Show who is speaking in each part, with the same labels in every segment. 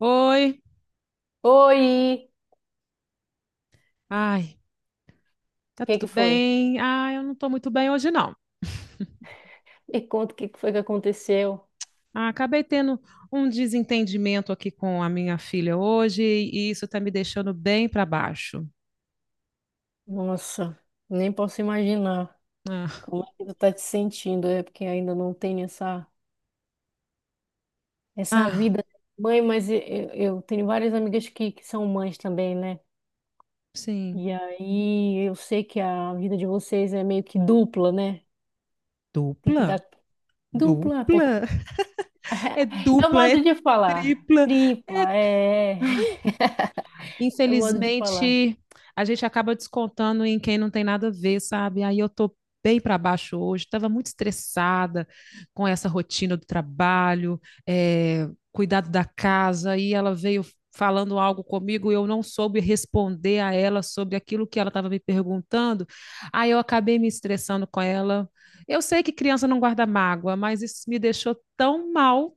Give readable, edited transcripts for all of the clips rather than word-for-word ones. Speaker 1: Oi,
Speaker 2: Oi!
Speaker 1: ai,
Speaker 2: O
Speaker 1: tá
Speaker 2: que
Speaker 1: tudo
Speaker 2: que foi?
Speaker 1: bem? Ah, eu não tô muito bem hoje, não.
Speaker 2: Me conta o que que foi que aconteceu.
Speaker 1: Ah, acabei tendo um desentendimento aqui com a minha filha hoje e isso tá me deixando bem para baixo.
Speaker 2: Nossa, nem posso imaginar
Speaker 1: Ah,
Speaker 2: como é que tu tá te sentindo, é porque ainda não tenho essa, essa
Speaker 1: ah,
Speaker 2: vida de mãe, mas eu tenho várias amigas que são mães também, né?
Speaker 1: sim.
Speaker 2: E aí eu sei que a vida de vocês é meio que dupla, né? Tem que
Speaker 1: Dupla?
Speaker 2: dar dupla, porque
Speaker 1: Dupla? É
Speaker 2: é o
Speaker 1: dupla,
Speaker 2: modo
Speaker 1: é
Speaker 2: de falar.
Speaker 1: tripla, é...
Speaker 2: Tripla, é,
Speaker 1: Ai,
Speaker 2: é o modo de falar.
Speaker 1: infelizmente, a gente acaba descontando em quem não tem nada a ver, sabe? Aí eu tô bem para baixo hoje, estava muito estressada com essa rotina do trabalho, eh, cuidado da casa, e ela veio falando algo comigo e eu não soube responder a ela sobre aquilo que ela estava me perguntando, aí eu acabei me estressando com ela. Eu sei que criança não guarda mágoa, mas isso me deixou tão mal.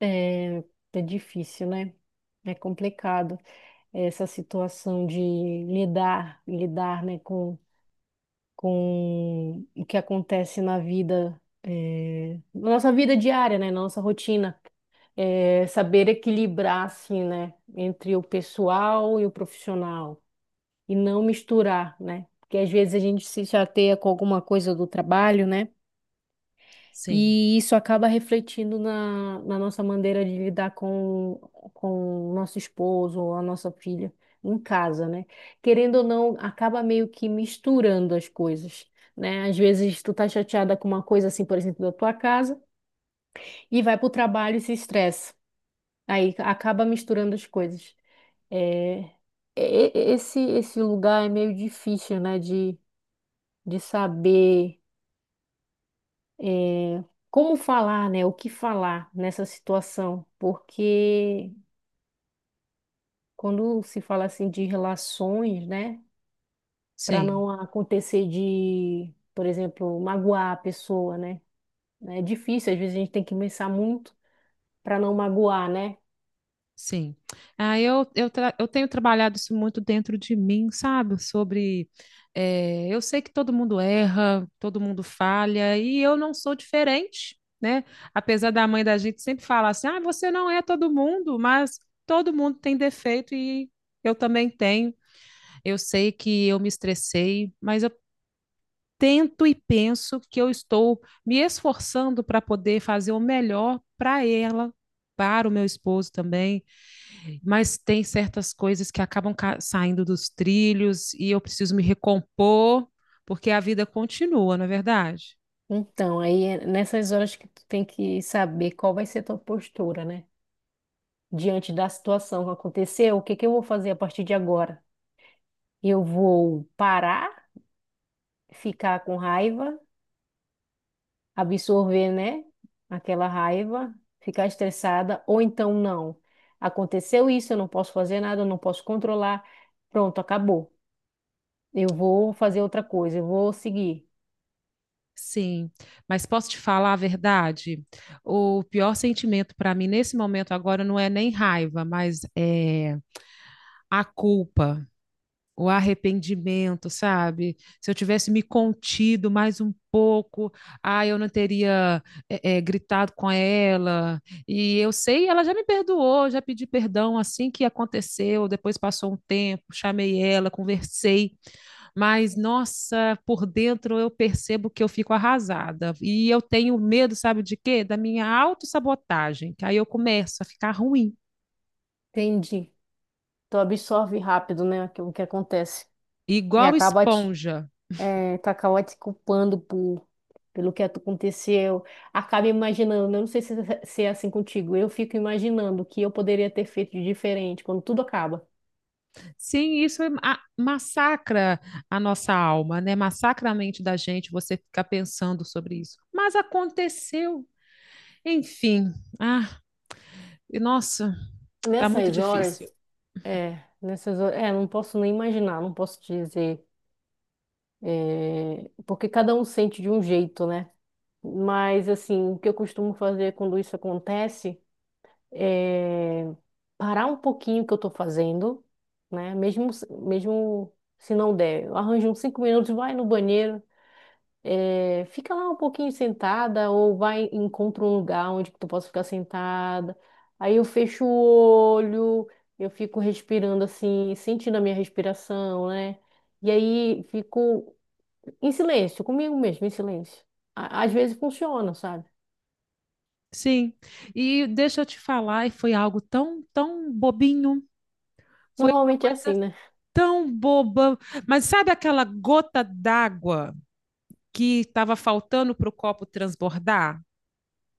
Speaker 2: É, é difícil, né? É complicado. Essa situação de lidar, né, com o que acontece na vida, na nossa vida diária, né, na nossa rotina. Saber equilibrar, assim, né, entre o pessoal e o profissional e não misturar, né, porque às vezes a gente se chateia com alguma coisa do trabalho, né,
Speaker 1: Sim.
Speaker 2: e isso acaba refletindo na nossa maneira de lidar com o nosso esposo ou a nossa filha em casa, né? Querendo ou não, acaba meio que misturando as coisas, né? Às vezes tu tá chateada com uma coisa assim, por exemplo, da tua casa, e vai pro trabalho e se estressa. Aí acaba misturando as coisas. É, esse lugar é meio difícil, né? De saber. É, como falar, né? O que falar nessa situação? Porque quando se fala assim de relações, né? Para
Speaker 1: Sim.
Speaker 2: não acontecer de, por exemplo, magoar a pessoa, né? É difícil, às vezes a gente tem que pensar muito para não magoar, né?
Speaker 1: Sim. Ah, eu tenho trabalhado isso muito dentro de mim, sabe? Sobre. Eu sei que todo mundo erra, todo mundo falha, e eu não sou diferente, né? Apesar da mãe da gente sempre falar assim: ah, você não é todo mundo, mas todo mundo tem defeito e eu também tenho. Eu sei que eu me estressei, mas eu tento e penso que eu estou me esforçando para poder fazer o melhor para ela, para o meu esposo também, mas tem certas coisas que acabam saindo dos trilhos e eu preciso me recompor, porque a vida continua, não é verdade?
Speaker 2: Então, aí é nessas horas que tu tem que saber qual vai ser tua postura, né? Diante da situação que aconteceu, o que que eu vou fazer a partir de agora? Eu vou parar, ficar com raiva? Absorver, né? Aquela raiva, ficar estressada, ou então não. Aconteceu isso, eu não posso fazer nada, eu não posso controlar. Pronto, acabou. Eu vou fazer outra coisa, eu vou seguir.
Speaker 1: Sim, mas posso te falar a verdade? O pior sentimento para mim nesse momento agora não é nem raiva, mas é a culpa. O arrependimento, sabe? Se eu tivesse me contido mais um pouco, ah, eu não teria gritado com ela. E eu sei, ela já me perdoou, já pedi perdão assim que aconteceu. Depois passou um tempo, chamei ela, conversei. Mas, nossa, por dentro eu percebo que eu fico arrasada. E eu tenho medo, sabe de quê? Da minha autossabotagem, que aí eu começo a ficar ruim.
Speaker 2: Entendi. Tu absorve rápido, né, aquilo que acontece. E
Speaker 1: Igual
Speaker 2: acaba te,
Speaker 1: esponja.
Speaker 2: tu acaba te culpando por, pelo que aconteceu. Acaba imaginando, né? Eu não sei se, é, se é assim contigo, eu fico imaginando o que eu poderia ter feito de diferente quando tudo acaba.
Speaker 1: Sim, isso é massacra a nossa alma, né? Massacra a mente da gente você ficar pensando sobre isso. Mas aconteceu. Enfim, ah, e nossa, tá muito
Speaker 2: Nessas
Speaker 1: difícil.
Speaker 2: horas, é, nessas horas, é, não posso nem imaginar, não posso dizer, é, porque cada um sente de um jeito, né? Mas, assim, o que eu costumo fazer quando isso acontece é parar um pouquinho o que eu tô fazendo, né? Mesmo se não der, eu arranjo uns cinco minutos, vai no banheiro, é, fica lá um pouquinho sentada ou vai encontra um lugar onde tu possa ficar sentada. Aí eu fecho o olho, eu fico respirando assim, sentindo a minha respiração, né? E aí fico em silêncio, comigo mesmo, em silêncio. Às vezes funciona, sabe?
Speaker 1: Sim. E deixa eu te falar, e foi algo tão, tão bobinho. Foi uma
Speaker 2: Normalmente é assim,
Speaker 1: coisa
Speaker 2: né?
Speaker 1: tão boba. Mas sabe aquela gota d'água que estava faltando para o copo transbordar?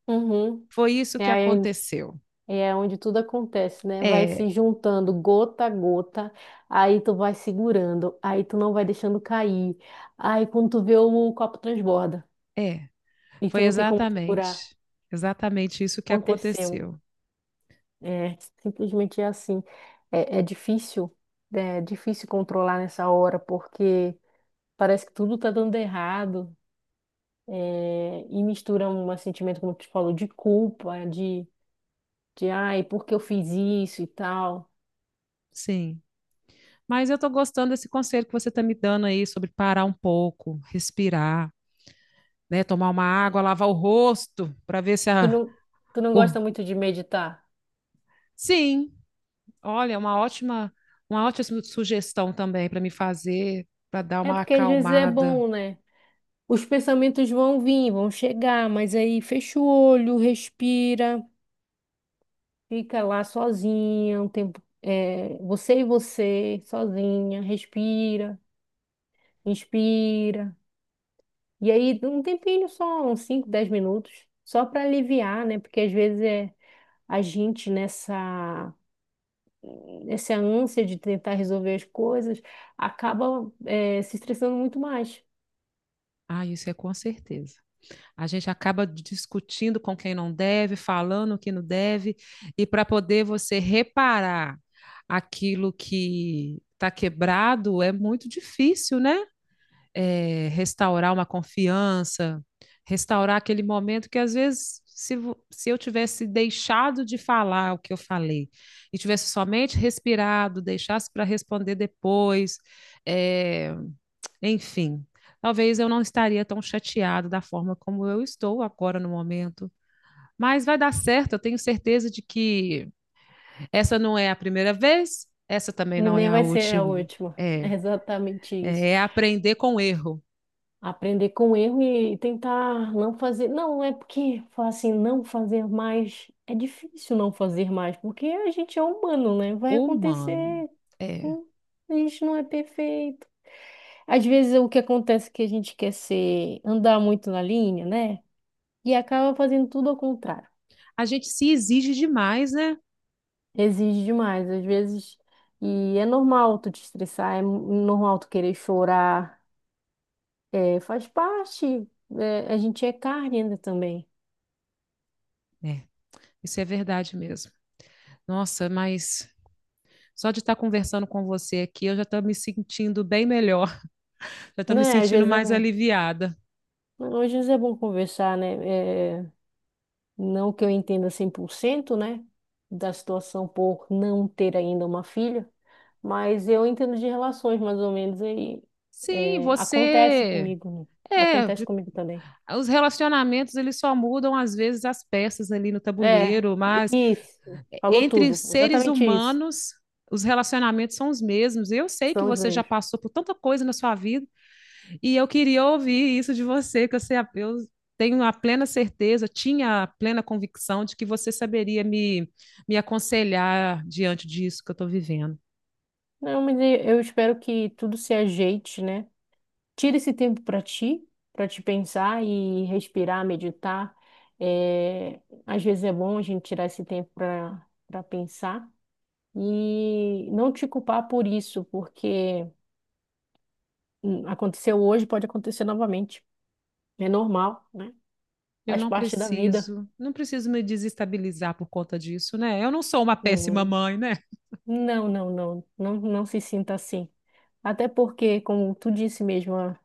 Speaker 2: Uhum.
Speaker 1: Foi isso que
Speaker 2: É, aí
Speaker 1: aconteceu.
Speaker 2: E é onde tudo acontece, né? Vai
Speaker 1: É,
Speaker 2: se juntando gota a gota, aí tu vai segurando, aí tu não vai deixando cair. Aí quando tu vê o copo transborda
Speaker 1: é,
Speaker 2: e tu
Speaker 1: foi
Speaker 2: não tem como segurar.
Speaker 1: exatamente, exatamente isso que
Speaker 2: Aconteceu.
Speaker 1: aconteceu.
Speaker 2: É, simplesmente é assim. É, é difícil controlar nessa hora, porque parece que tudo tá dando errado. É, e mistura um sentimento, como tu falou, de culpa, de ai, por que eu fiz isso e tal.
Speaker 1: Sim. Mas eu estou gostando desse conselho que você está me dando aí sobre parar um pouco, respirar, né? Tomar uma água, lavar o rosto para ver se
Speaker 2: Tu
Speaker 1: a.
Speaker 2: não, Tu não
Speaker 1: o-
Speaker 2: gosta muito de meditar?
Speaker 1: Sim, olha, uma ótima sugestão também para me fazer, para dar
Speaker 2: É
Speaker 1: uma
Speaker 2: porque às vezes é
Speaker 1: acalmada.
Speaker 2: bom, né? Os pensamentos vão vir, vão chegar, mas aí fecha o olho, respira, fica lá sozinha um tempo, é, você e você, sozinha, respira, inspira. E aí um tempinho só, uns 5 10 minutos, só para aliviar, né? Porque às vezes é a gente nessa ânsia de tentar resolver as coisas, acaba, é, se estressando muito mais.
Speaker 1: Ah, isso é com certeza. A gente acaba discutindo com quem não deve, falando o que não deve, e para poder você reparar aquilo que está quebrado é muito difícil, né? É, restaurar uma confiança, restaurar aquele momento que às vezes se eu tivesse deixado de falar o que eu falei e tivesse somente respirado, deixasse para responder depois, é, enfim, talvez eu não estaria tão chateado da forma como eu estou agora no momento. Mas vai dar certo, eu tenho certeza de que essa não é a primeira vez, essa também
Speaker 2: E
Speaker 1: não é
Speaker 2: nem
Speaker 1: a
Speaker 2: vai ser a
Speaker 1: última.
Speaker 2: última.
Speaker 1: É,
Speaker 2: É exatamente
Speaker 1: é
Speaker 2: isso.
Speaker 1: é aprender com o erro.
Speaker 2: Aprender com erro e tentar não fazer. Não, é porque falar assim, não fazer mais. É difícil não fazer mais, porque a gente é humano, né? Vai
Speaker 1: Ô, mano,
Speaker 2: acontecer.
Speaker 1: é.
Speaker 2: Hum, a gente não é perfeito. Às vezes o que acontece é que a gente quer ser, andar muito na linha, né? E acaba fazendo tudo ao contrário.
Speaker 1: A gente se exige demais, né?
Speaker 2: Exige demais, às vezes. E é normal tu te estressar, é normal tu querer chorar. É, faz parte. É, a gente é carne ainda também.
Speaker 1: É, isso é verdade mesmo. Nossa, mas só de estar conversando com você aqui, eu já estou me sentindo bem melhor, já estou me
Speaker 2: Né? Às
Speaker 1: sentindo
Speaker 2: vezes é
Speaker 1: mais
Speaker 2: bom.
Speaker 1: aliviada.
Speaker 2: Às vezes é bom conversar, né? É, não que eu entenda 100%, né? Da situação por não ter ainda uma filha, mas eu entendo de relações, mais ou menos, aí
Speaker 1: Sim,
Speaker 2: é, acontece
Speaker 1: você.
Speaker 2: comigo, né?
Speaker 1: É,
Speaker 2: Acontece comigo também.
Speaker 1: os relacionamentos eles só mudam às vezes as peças ali no
Speaker 2: É,
Speaker 1: tabuleiro, mas
Speaker 2: isso. Falou
Speaker 1: entre
Speaker 2: tudo.
Speaker 1: seres
Speaker 2: Exatamente isso.
Speaker 1: humanos, os relacionamentos são os mesmos. Eu sei que
Speaker 2: São os
Speaker 1: você já
Speaker 2: mesmos.
Speaker 1: passou por tanta coisa na sua vida. E eu queria ouvir isso de você, que eu, sei, eu tenho a plena certeza, tinha a plena convicção de que você saberia me, me aconselhar diante disso que eu estou vivendo.
Speaker 2: Não, mas eu espero que tudo se ajeite, né? Tira esse tempo para ti, para te pensar e respirar, meditar. É, às vezes é bom a gente tirar esse tempo para pensar e não te culpar por isso, porque aconteceu hoje, pode acontecer novamente. É normal, né?
Speaker 1: Eu
Speaker 2: Faz
Speaker 1: não
Speaker 2: parte da vida.
Speaker 1: preciso, não preciso me desestabilizar por conta disso, né? Eu não sou uma péssima
Speaker 2: Hum,
Speaker 1: mãe, né?
Speaker 2: não se sinta assim. Até porque, como tu disse mesmo,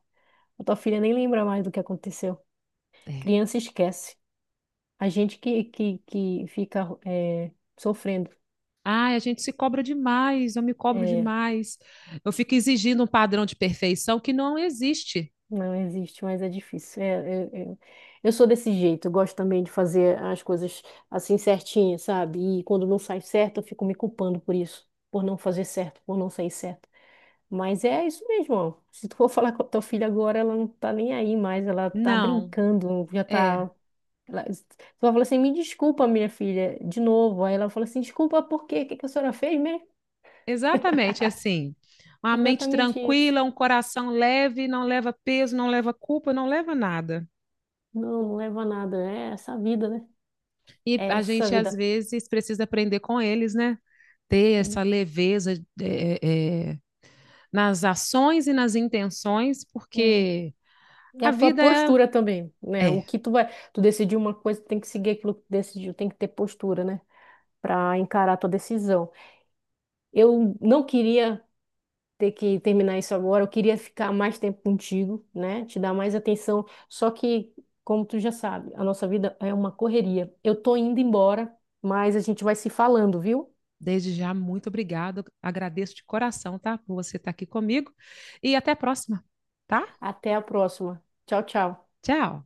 Speaker 2: a tua filha nem lembra mais do que aconteceu.
Speaker 1: É.
Speaker 2: Criança esquece. A gente que fica é, sofrendo.
Speaker 1: Ai, a gente se cobra demais, eu me cobro
Speaker 2: É,
Speaker 1: demais. Eu fico exigindo um padrão de perfeição que não existe.
Speaker 2: não existe, mas é difícil. É, é, é. Eu sou desse jeito, eu gosto também de fazer as coisas assim certinhas, sabe? E quando não sai certo, eu fico me culpando por isso, por não fazer certo, por não sair certo. Mas é isso mesmo, ó. Se tu for falar com a tua filha agora, ela não tá nem aí mais, ela tá
Speaker 1: Não,
Speaker 2: brincando, já
Speaker 1: é
Speaker 2: tá. Ela... Tu vai falar assim, me desculpa, minha filha, de novo. Aí ela fala assim, desculpa, por quê? O que que a senhora fez mesmo?
Speaker 1: exatamente assim. Uma mente
Speaker 2: Exatamente isso.
Speaker 1: tranquila, um coração leve, não leva peso, não leva culpa, não leva nada.
Speaker 2: Não, não leva a nada. É essa vida, né?
Speaker 1: E
Speaker 2: É
Speaker 1: a
Speaker 2: essa
Speaker 1: gente, às
Speaker 2: vida.
Speaker 1: vezes, precisa aprender com eles, né? Ter essa leveza, é, é, é, nas ações e nas intenções,
Speaker 2: É.
Speaker 1: porque.
Speaker 2: E
Speaker 1: A
Speaker 2: a tua
Speaker 1: vida é.
Speaker 2: postura também, né? O
Speaker 1: É.
Speaker 2: que tu vai. Tu decidiu uma coisa, tu tem que seguir aquilo que tu decidiu, tem que ter postura, né? Pra encarar a tua decisão. Eu não queria ter que terminar isso agora, eu queria ficar mais tempo contigo, né? Te dar mais atenção. Só que, como tu já sabe, a nossa vida é uma correria. Eu tô indo embora, mas a gente vai se falando, viu?
Speaker 1: Desde já, muito obrigado. Agradeço de coração, tá? Por você estar aqui comigo. E até a próxima, tá?
Speaker 2: Até a próxima. Tchau, tchau.
Speaker 1: Tchau.